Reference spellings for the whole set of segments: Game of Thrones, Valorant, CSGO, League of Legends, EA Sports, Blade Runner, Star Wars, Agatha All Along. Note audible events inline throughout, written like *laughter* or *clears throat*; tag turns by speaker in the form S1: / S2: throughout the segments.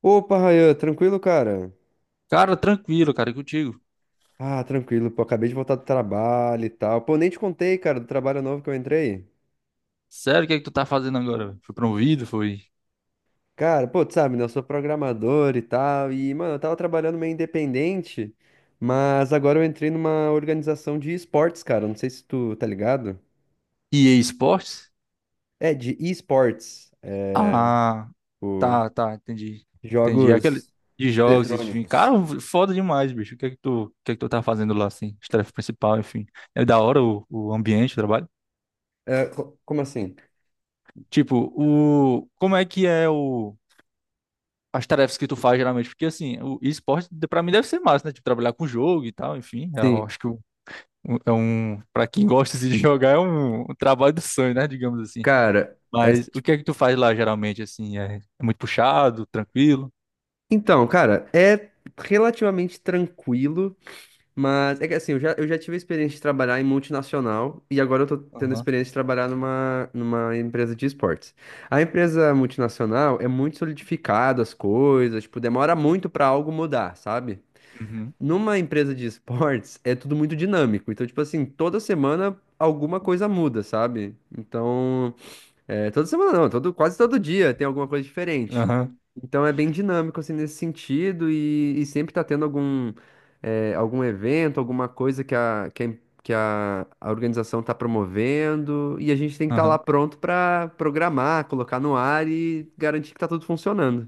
S1: Opa, Rayan, tranquilo, cara?
S2: Cara, tranquilo, cara, e contigo.
S1: Ah, tranquilo, pô, acabei de voltar do trabalho e tal. Pô, nem te contei, cara, do trabalho novo que eu entrei.
S2: Sério, o que é que tu tá fazendo agora, velho? Foi promovido? Foi
S1: Cara, pô, tu sabe, né? Eu sou programador e tal, e, mano, eu tava trabalhando meio independente, mas agora eu entrei numa organização de esportes, cara. Não sei se tu tá ligado.
S2: EA Sports?
S1: É, de esportes,
S2: Ah,
S1: o-
S2: tá, tá, entendi. Entendi. É aquele
S1: jogos
S2: de jogos, enfim. Cara,
S1: eletrônicos.
S2: foda demais, bicho. O que é que tu, o que é que tu tá fazendo lá, assim? As tarefas principal, enfim. É da hora o ambiente, o trabalho?
S1: É, como assim?
S2: Tipo, o... Como é que é o... As tarefas que tu faz geralmente, porque assim, o esporte pra mim deve ser massa, né? Tipo, trabalhar com jogo e tal, enfim. Eu
S1: Sim,
S2: acho que o- é um, para quem gosta assim, de *laughs* jogar, é um trabalho do sonho, né? Digamos assim.
S1: cara,
S2: Mas o que é que tu faz lá geralmente, assim? É muito puxado, tranquilo?
S1: então, cara, é relativamente tranquilo. Mas é que assim, eu já tive a experiência de trabalhar em multinacional e agora eu tô tendo a
S2: Aham,
S1: experiência de trabalhar numa empresa de esportes. A empresa multinacional é muito solidificada as coisas, tipo, demora muito pra algo mudar, sabe?
S2: uhum,
S1: Numa empresa de esportes é tudo muito dinâmico. Então, tipo assim, toda semana alguma coisa muda, sabe? Então, é, toda semana não, todo, quase todo dia tem alguma coisa diferente.
S2: aham,
S1: Então é bem dinâmico assim nesse sentido e sempre tá tendo algum evento, alguma coisa que a, em- que a organização tá promovendo e a gente tem que estar lá
S2: aham,
S1: pronto pra programar, colocar no ar e garantir que tá tudo funcionando.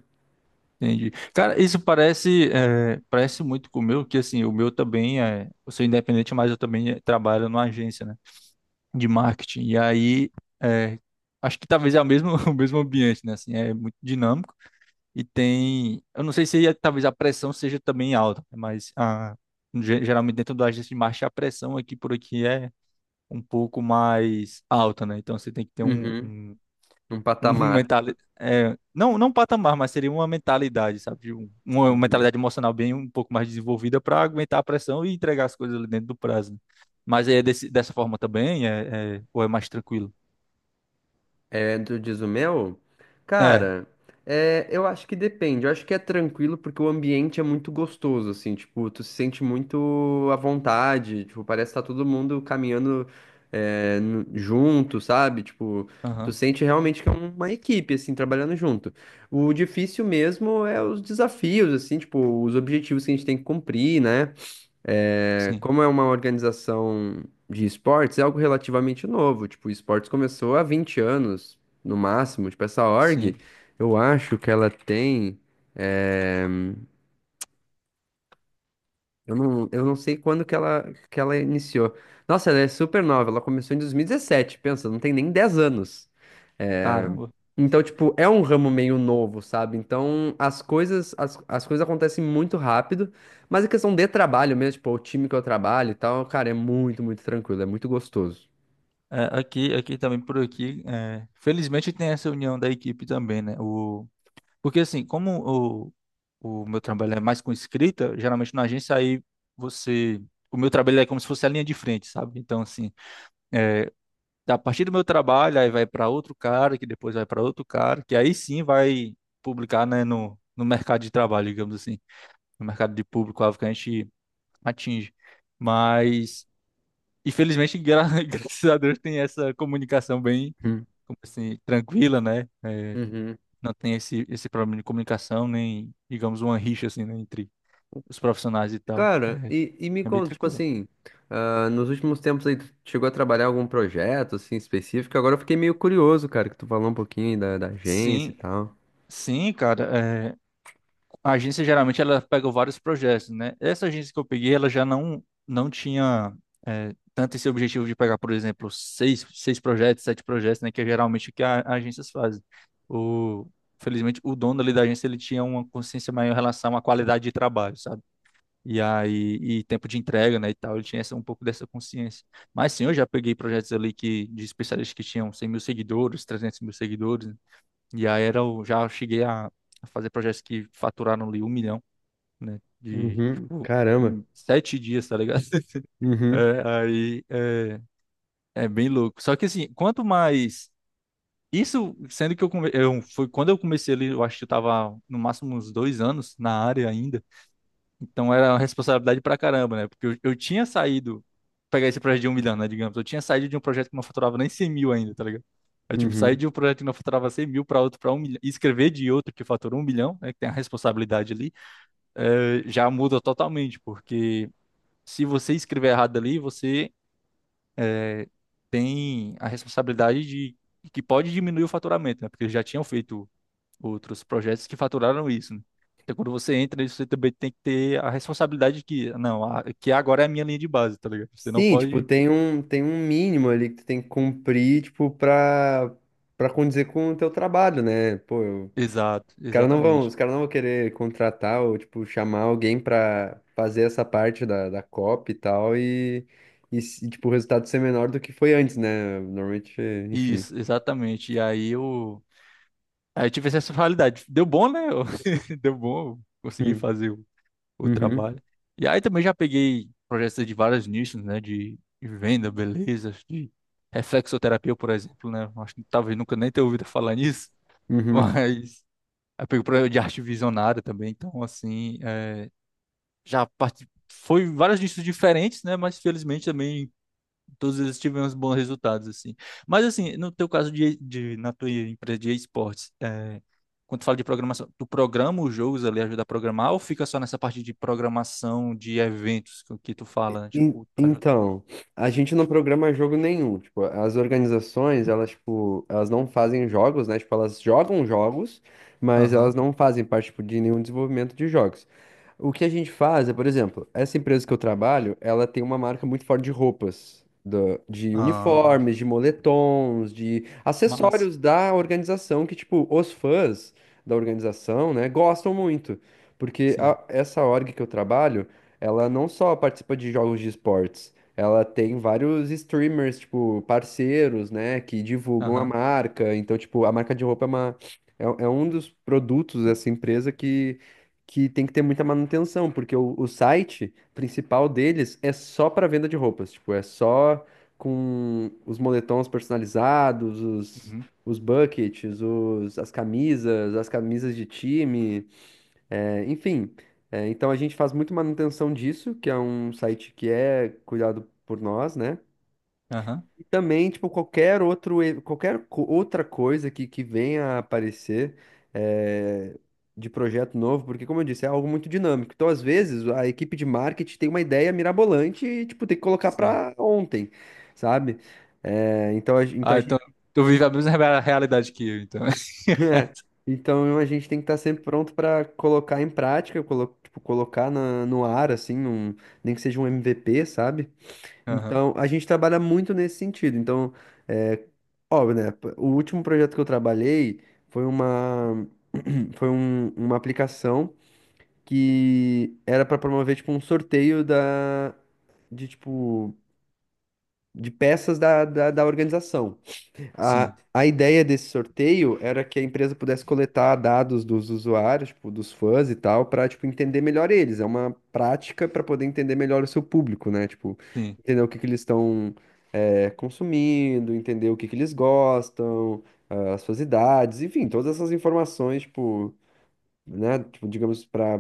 S2: entendi. Cara, isso parece, é, parece muito com o meu, que assim, o meu também é. Eu sou independente, mas eu também trabalho numa agência, né? De marketing. E aí, é, acho que talvez é o mesmo, *laughs* o mesmo ambiente, né? Assim, é muito dinâmico e tem. Eu não sei se talvez a pressão seja também alta, né, mas a, geralmente dentro da agência de marketing a pressão aqui por aqui é um pouco mais alta, né? Então você tem que ter um,
S1: Uhum,
S2: um,
S1: um
S2: *laughs*
S1: patamar.
S2: mentalidade. É, não, não um patamar, mas seria uma mentalidade, sabe? De um- uma mentalidade emocional bem um pouco mais desenvolvida para aguentar a pressão e entregar as coisas ali dentro do prazo, né? Mas é dessa forma também? É, ou é mais tranquilo?
S1: É, tu diz o meu?
S2: É.
S1: Cara, eu acho que depende. Eu acho que é tranquilo porque o ambiente é muito gostoso, assim, tipo, tu se sente muito à vontade, tipo, parece que tá todo mundo caminhando, junto, sabe? Tipo, tu
S2: Aham.
S1: sente realmente que é uma equipe, assim, trabalhando junto. O difícil mesmo é os desafios, assim, tipo, os objetivos que a gente tem que cumprir, né? É,
S2: Sim.
S1: como é uma organização de esportes, é algo relativamente novo. Tipo, o esportes começou há 20 anos, no máximo. Tipo, essa org,
S2: Sim.
S1: eu acho que ela tem. é, eu não sei quando que ela iniciou. Nossa, ela é super nova. Ela começou em 2017, pensa, não tem nem 10 anos. É,
S2: Caramba.
S1: então, tipo, é um ramo meio novo, sabe? Então, as coisas, as coisas acontecem muito rápido, mas a questão de trabalho mesmo, tipo, o time que eu trabalho e tal, cara, é muito, muito tranquilo, é muito gostoso.
S2: É, aqui também por aqui. É, felizmente tem essa união da equipe também, né? O porque assim, como o meu trabalho é mais com escrita, geralmente na agência aí você. O meu trabalho é como se fosse a linha de frente, sabe? Então, assim, é, a partir do meu trabalho, aí vai para outro cara, que depois vai para outro cara, que aí sim vai publicar, né, no mercado de trabalho, digamos assim, no mercado de público-alvo que a gente atinge. Mas, infelizmente, gra *laughs* graças a Deus tem essa comunicação bem,
S1: Hum.
S2: como assim, tranquila, né?
S1: Uhum.
S2: Não tem esse problema de comunicação, nem, digamos, uma rixa, assim, né, entre os profissionais e tal.
S1: Cara,
S2: É,
S1: e me
S2: é bem
S1: conta, tipo
S2: tranquilo.
S1: assim, ah, nos últimos tempos aí, tu chegou a trabalhar algum projeto, assim, específico? Agora eu fiquei meio curioso, cara, que tu falou um pouquinho aí da, da agência e
S2: Sim,
S1: tal.
S2: sim, cara. É, a agência geralmente ela pega vários projetos, né? Essa agência que eu peguei, ela já não, não tinha, é, tanto esse objetivo de pegar, por exemplo, seis projetos, sete projetos, né? Que é geralmente o que a, as agências fazem. O, felizmente, o dono ali da agência ele tinha uma consciência maior em relação à qualidade de trabalho, sabe? E aí, e tempo de entrega, né, e tal, ele tinha essa, um pouco dessa consciência. Mas sim, eu já peguei projetos ali que, de especialistas que tinham 100 mil seguidores, 300 mil seguidores, né? E aí era, já cheguei a fazer projetos que faturaram ali 1 milhão, né, de,
S1: Uhum.
S2: tipo,
S1: Caramba.
S2: em 7 dias, tá ligado? *laughs*
S1: Uhum.
S2: É, aí, é, é bem louco. Só que assim, quanto mais, isso, sendo que eu, foi quando eu comecei ali, eu acho que eu tava no máximo uns 2 anos na área ainda. Então era uma responsabilidade pra caramba, né? Porque eu tinha saído, pegar esse projeto de 1 milhão, né? Digamos, eu tinha saído de um projeto que não faturava nem 100 mil ainda, tá ligado? Eu, tipo, saí
S1: Uhum.
S2: de um projeto que não faturava 100 mil para outro, para 1 milhão, e escrever de outro que fatura 1 milhão, né? Que tem a responsabilidade ali, já muda totalmente, porque se você escrever errado ali, você, eh, tem a responsabilidade de que pode diminuir o faturamento, né? Porque eles já tinham feito outros projetos que faturaram isso, né? Então, quando você entra você também tem que ter a responsabilidade de que, não, que agora é a minha linha de base, tá ligado? Você não
S1: Sim, tipo,
S2: pode.
S1: tem um, mínimo ali que tu tem que cumprir, tipo, pra, pra condizer com o teu trabalho, né? Pô,
S2: Exato,
S1: os caras não vão, os
S2: exatamente.
S1: caras não vão querer contratar ou, tipo, chamar alguém pra fazer essa parte da copy e tal, e, tipo, o resultado ser menor do que foi antes, né? Normalmente, enfim.
S2: Isso, exatamente. Aí eu tive essa responsabilidade. Deu bom, né? *laughs* Deu bom, eu consegui
S1: Hum.
S2: fazer o
S1: Uhum,
S2: trabalho. E aí também já peguei projetos de vários nichos, né? De venda, beleza, de reflexoterapia, por exemplo, né? Acho que talvez nunca nem tenha ouvido falar nisso, *laughs*
S1: uhum.
S2: mas. Eu pego problema de arte visionária também, então assim, é, já parti... foi vários nichos diferentes, né? Mas felizmente também todos eles tivemos bons resultados, assim. Mas assim, no teu caso de na tua empresa de esportes, é, quando tu fala de programação, tu programa os jogos ali, ajuda a programar, ou fica só nessa parte de programação de eventos que tu fala, né? Tipo, tu ajuda.
S1: Então, a gente não programa jogo nenhum. Tipo, as organizações, elas, tipo, elas não fazem jogos, né? Tipo, elas jogam jogos, mas elas
S2: Aham.
S1: não fazem parte, tipo, de nenhum desenvolvimento de jogos. O que a gente faz é, por exemplo, essa empresa que eu trabalho, ela tem uma marca muito forte de roupas, de
S2: Ah,
S1: uniformes, de moletons, de
S2: mas,
S1: acessórios da organização que, tipo, os fãs da organização, né, gostam muito. Porque
S2: sim.
S1: essa org que eu trabalho, ela não só participa de jogos de esportes, ela tem vários streamers, tipo, parceiros, né, que divulgam a
S2: Aham.
S1: marca. Então, tipo, a marca de roupa é uma, é um dos produtos dessa empresa que tem que ter muita manutenção, porque o site principal deles é só para venda de roupas, tipo, é só com os moletons personalizados, os,
S2: Uhum.
S1: os buckets, as camisas de time, enfim. É, então a gente faz muito manutenção disso, que é um site que é cuidado por nós, né?
S2: Aham.
S1: E também, tipo, qualquer outro, e- qualquer co- outra coisa que venha a aparecer eh, de projeto novo, porque, como eu disse, é algo muito dinâmico. Então, às vezes, a equipe de marketing tem uma ideia mirabolante e, tipo, tem que colocar
S2: Sim.
S1: para ontem, sabe? Eh, então, a, gen- então,
S2: Ah,
S1: a gente,
S2: então tu vive a mesma realidade que eu, então.
S1: *laughs*
S2: *laughs*
S1: Então, a gente tem que estar sempre pronto para colocar em prática, tipo, colocar no ar, assim, nem que seja um MVP, sabe?
S2: Aham,
S1: Então, a gente trabalha muito nesse sentido. Então, é, óbvio, né? O último projeto que eu trabalhei foi *clears throat* uma aplicação que era para promover, tipo, um sorteio de, tipo, de peças da organização. A,
S2: sim,
S1: a ideia desse sorteio era que a empresa pudesse coletar dados dos usuários, tipo, dos fãs e tal, para, tipo, entender melhor eles. É uma prática para poder entender melhor o seu público, né? Tipo,
S2: sim.
S1: entender o que que eles estão consumindo, entender o que que eles gostam, ah, as suas idades, enfim, todas essas informações, tipo, né, tipo, digamos, para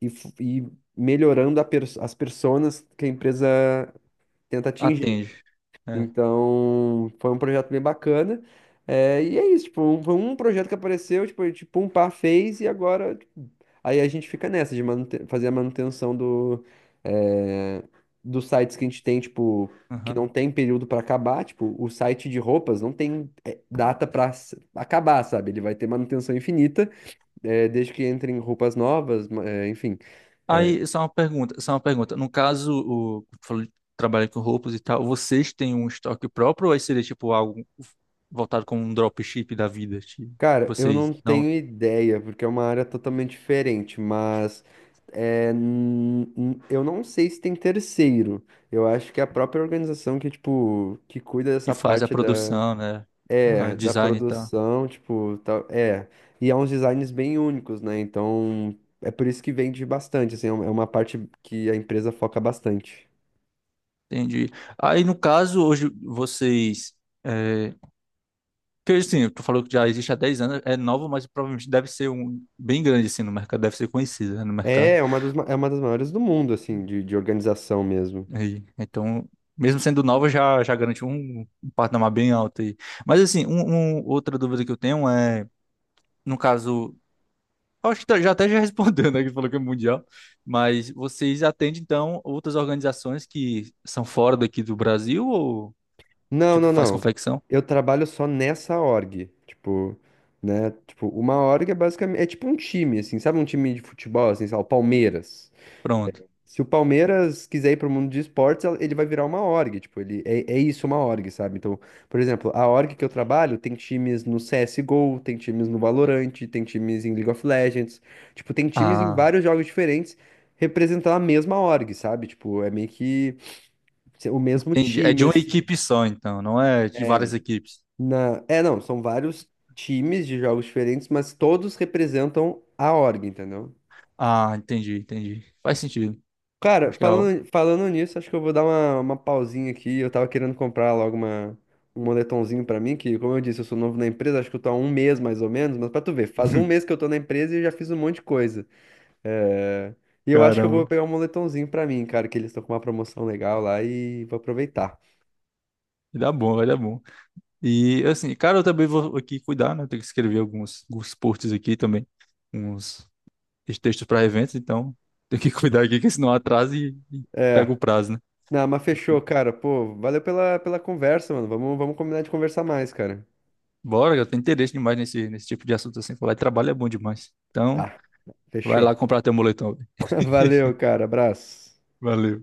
S1: ir melhorando a as personas que a empresa tenta atingir.
S2: Atende. É.
S1: Então, foi um projeto bem bacana. É, e é isso, tipo, foi um projeto que apareceu, tipo, um par fez e agora, tipo, aí a gente fica nessa de fazer a manutenção é, dos sites que a gente tem, tipo, que
S2: Aham.
S1: não tem período para acabar, tipo, o site de roupas não tem data para acabar, sabe? Ele vai ter manutenção infinita, desde que entrem roupas novas, enfim.
S2: Aí, só uma pergunta, só uma pergunta. No caso, o falou de trabalho com roupas e tal, vocês têm um estoque próprio ou aí seria tipo algo voltado como um dropship da vida? Tipo,
S1: Cara, eu não
S2: vocês não
S1: tenho ideia, porque é uma área totalmente diferente, mas eu não sei se tem terceiro. Eu acho que é a própria organização que, tipo, que cuida
S2: que
S1: dessa
S2: faz a
S1: parte da,
S2: produção, né? A
S1: é, da
S2: design e tal.
S1: produção, tipo, tal, é. E é uns designs bem únicos, né? Então, é por isso que vende bastante, assim, é uma parte que a empresa foca bastante.
S2: Entendi. Aí, no caso, hoje vocês. É, porque assim, tu falou que já existe há 10 anos, é novo, mas provavelmente deve ser um bem grande assim no mercado, deve ser conhecido, né, no
S1: É,
S2: mercado.
S1: é uma das maiores do mundo, assim, de organização mesmo.
S2: Aí, então, mesmo sendo nova, já garante um patamar bem alto aí. Mas assim, outra dúvida que eu tenho é, no caso, eu acho que já até já *laughs* respondeu, né, que falou que é mundial, mas vocês atendem, então, outras organizações que são fora daqui do Brasil ou,
S1: Não,
S2: tipo,
S1: não,
S2: faz
S1: não.
S2: confecção?
S1: Eu trabalho só nessa org. Tipo, né? Tipo, uma org é basicamente. É tipo um time, assim, sabe? Um time de futebol, assim, sei lá, o Palmeiras.
S2: Pronto.
S1: Se o Palmeiras quiser ir pro mundo de esportes, ele vai virar uma org. Tipo, ele é isso, uma org, sabe? Então, por exemplo, a org que eu trabalho tem times no CSGO, tem times no Valorant, tem times em League of Legends. Tipo, tem times em
S2: Ah,
S1: vários jogos diferentes representando a mesma org, sabe? Tipo, é meio que o mesmo
S2: entendi. É
S1: time,
S2: de uma
S1: assim.
S2: equipe só, então, não é de
S1: é,
S2: várias equipes.
S1: É, não, são vários times de jogos diferentes, mas todos representam a org, entendeu?
S2: Ah, entendi, entendi. Faz sentido.
S1: Cara,
S2: Acho que é o...
S1: falando nisso, acho que eu vou dar uma pausinha aqui. Eu tava querendo comprar logo um moletomzinho pra mim, que, como eu disse, eu sou novo na empresa, acho que eu tô há um mês mais ou menos, mas pra tu ver, faz um mês
S2: *laughs*
S1: que eu tô na empresa e eu já fiz um monte de coisa. É, E eu acho que eu
S2: Caramba,
S1: vou pegar um moletomzinho pra mim, cara, que eles estão com uma promoção legal lá e vou aproveitar.
S2: vai dar bom, vai dar bom. E assim, cara, eu também vou aqui cuidar, né? Eu tenho que escrever alguns posts aqui também, uns textos para eventos, então tenho que *laughs* cuidar aqui, que senão atrasa e pega o
S1: É.
S2: prazo, né?
S1: Não, mas fechou, cara. Pô, valeu pela conversa, mano. Vamos combinar de conversar mais, cara.
S2: Bora, eu tenho interesse demais nesse tipo de assunto assim. Falar de trabalho é bom demais. Então,
S1: Tá,
S2: vai
S1: fechou.
S2: lá comprar teu moletom, velho.
S1: *laughs* Valeu, cara. Abraço.
S2: Valeu.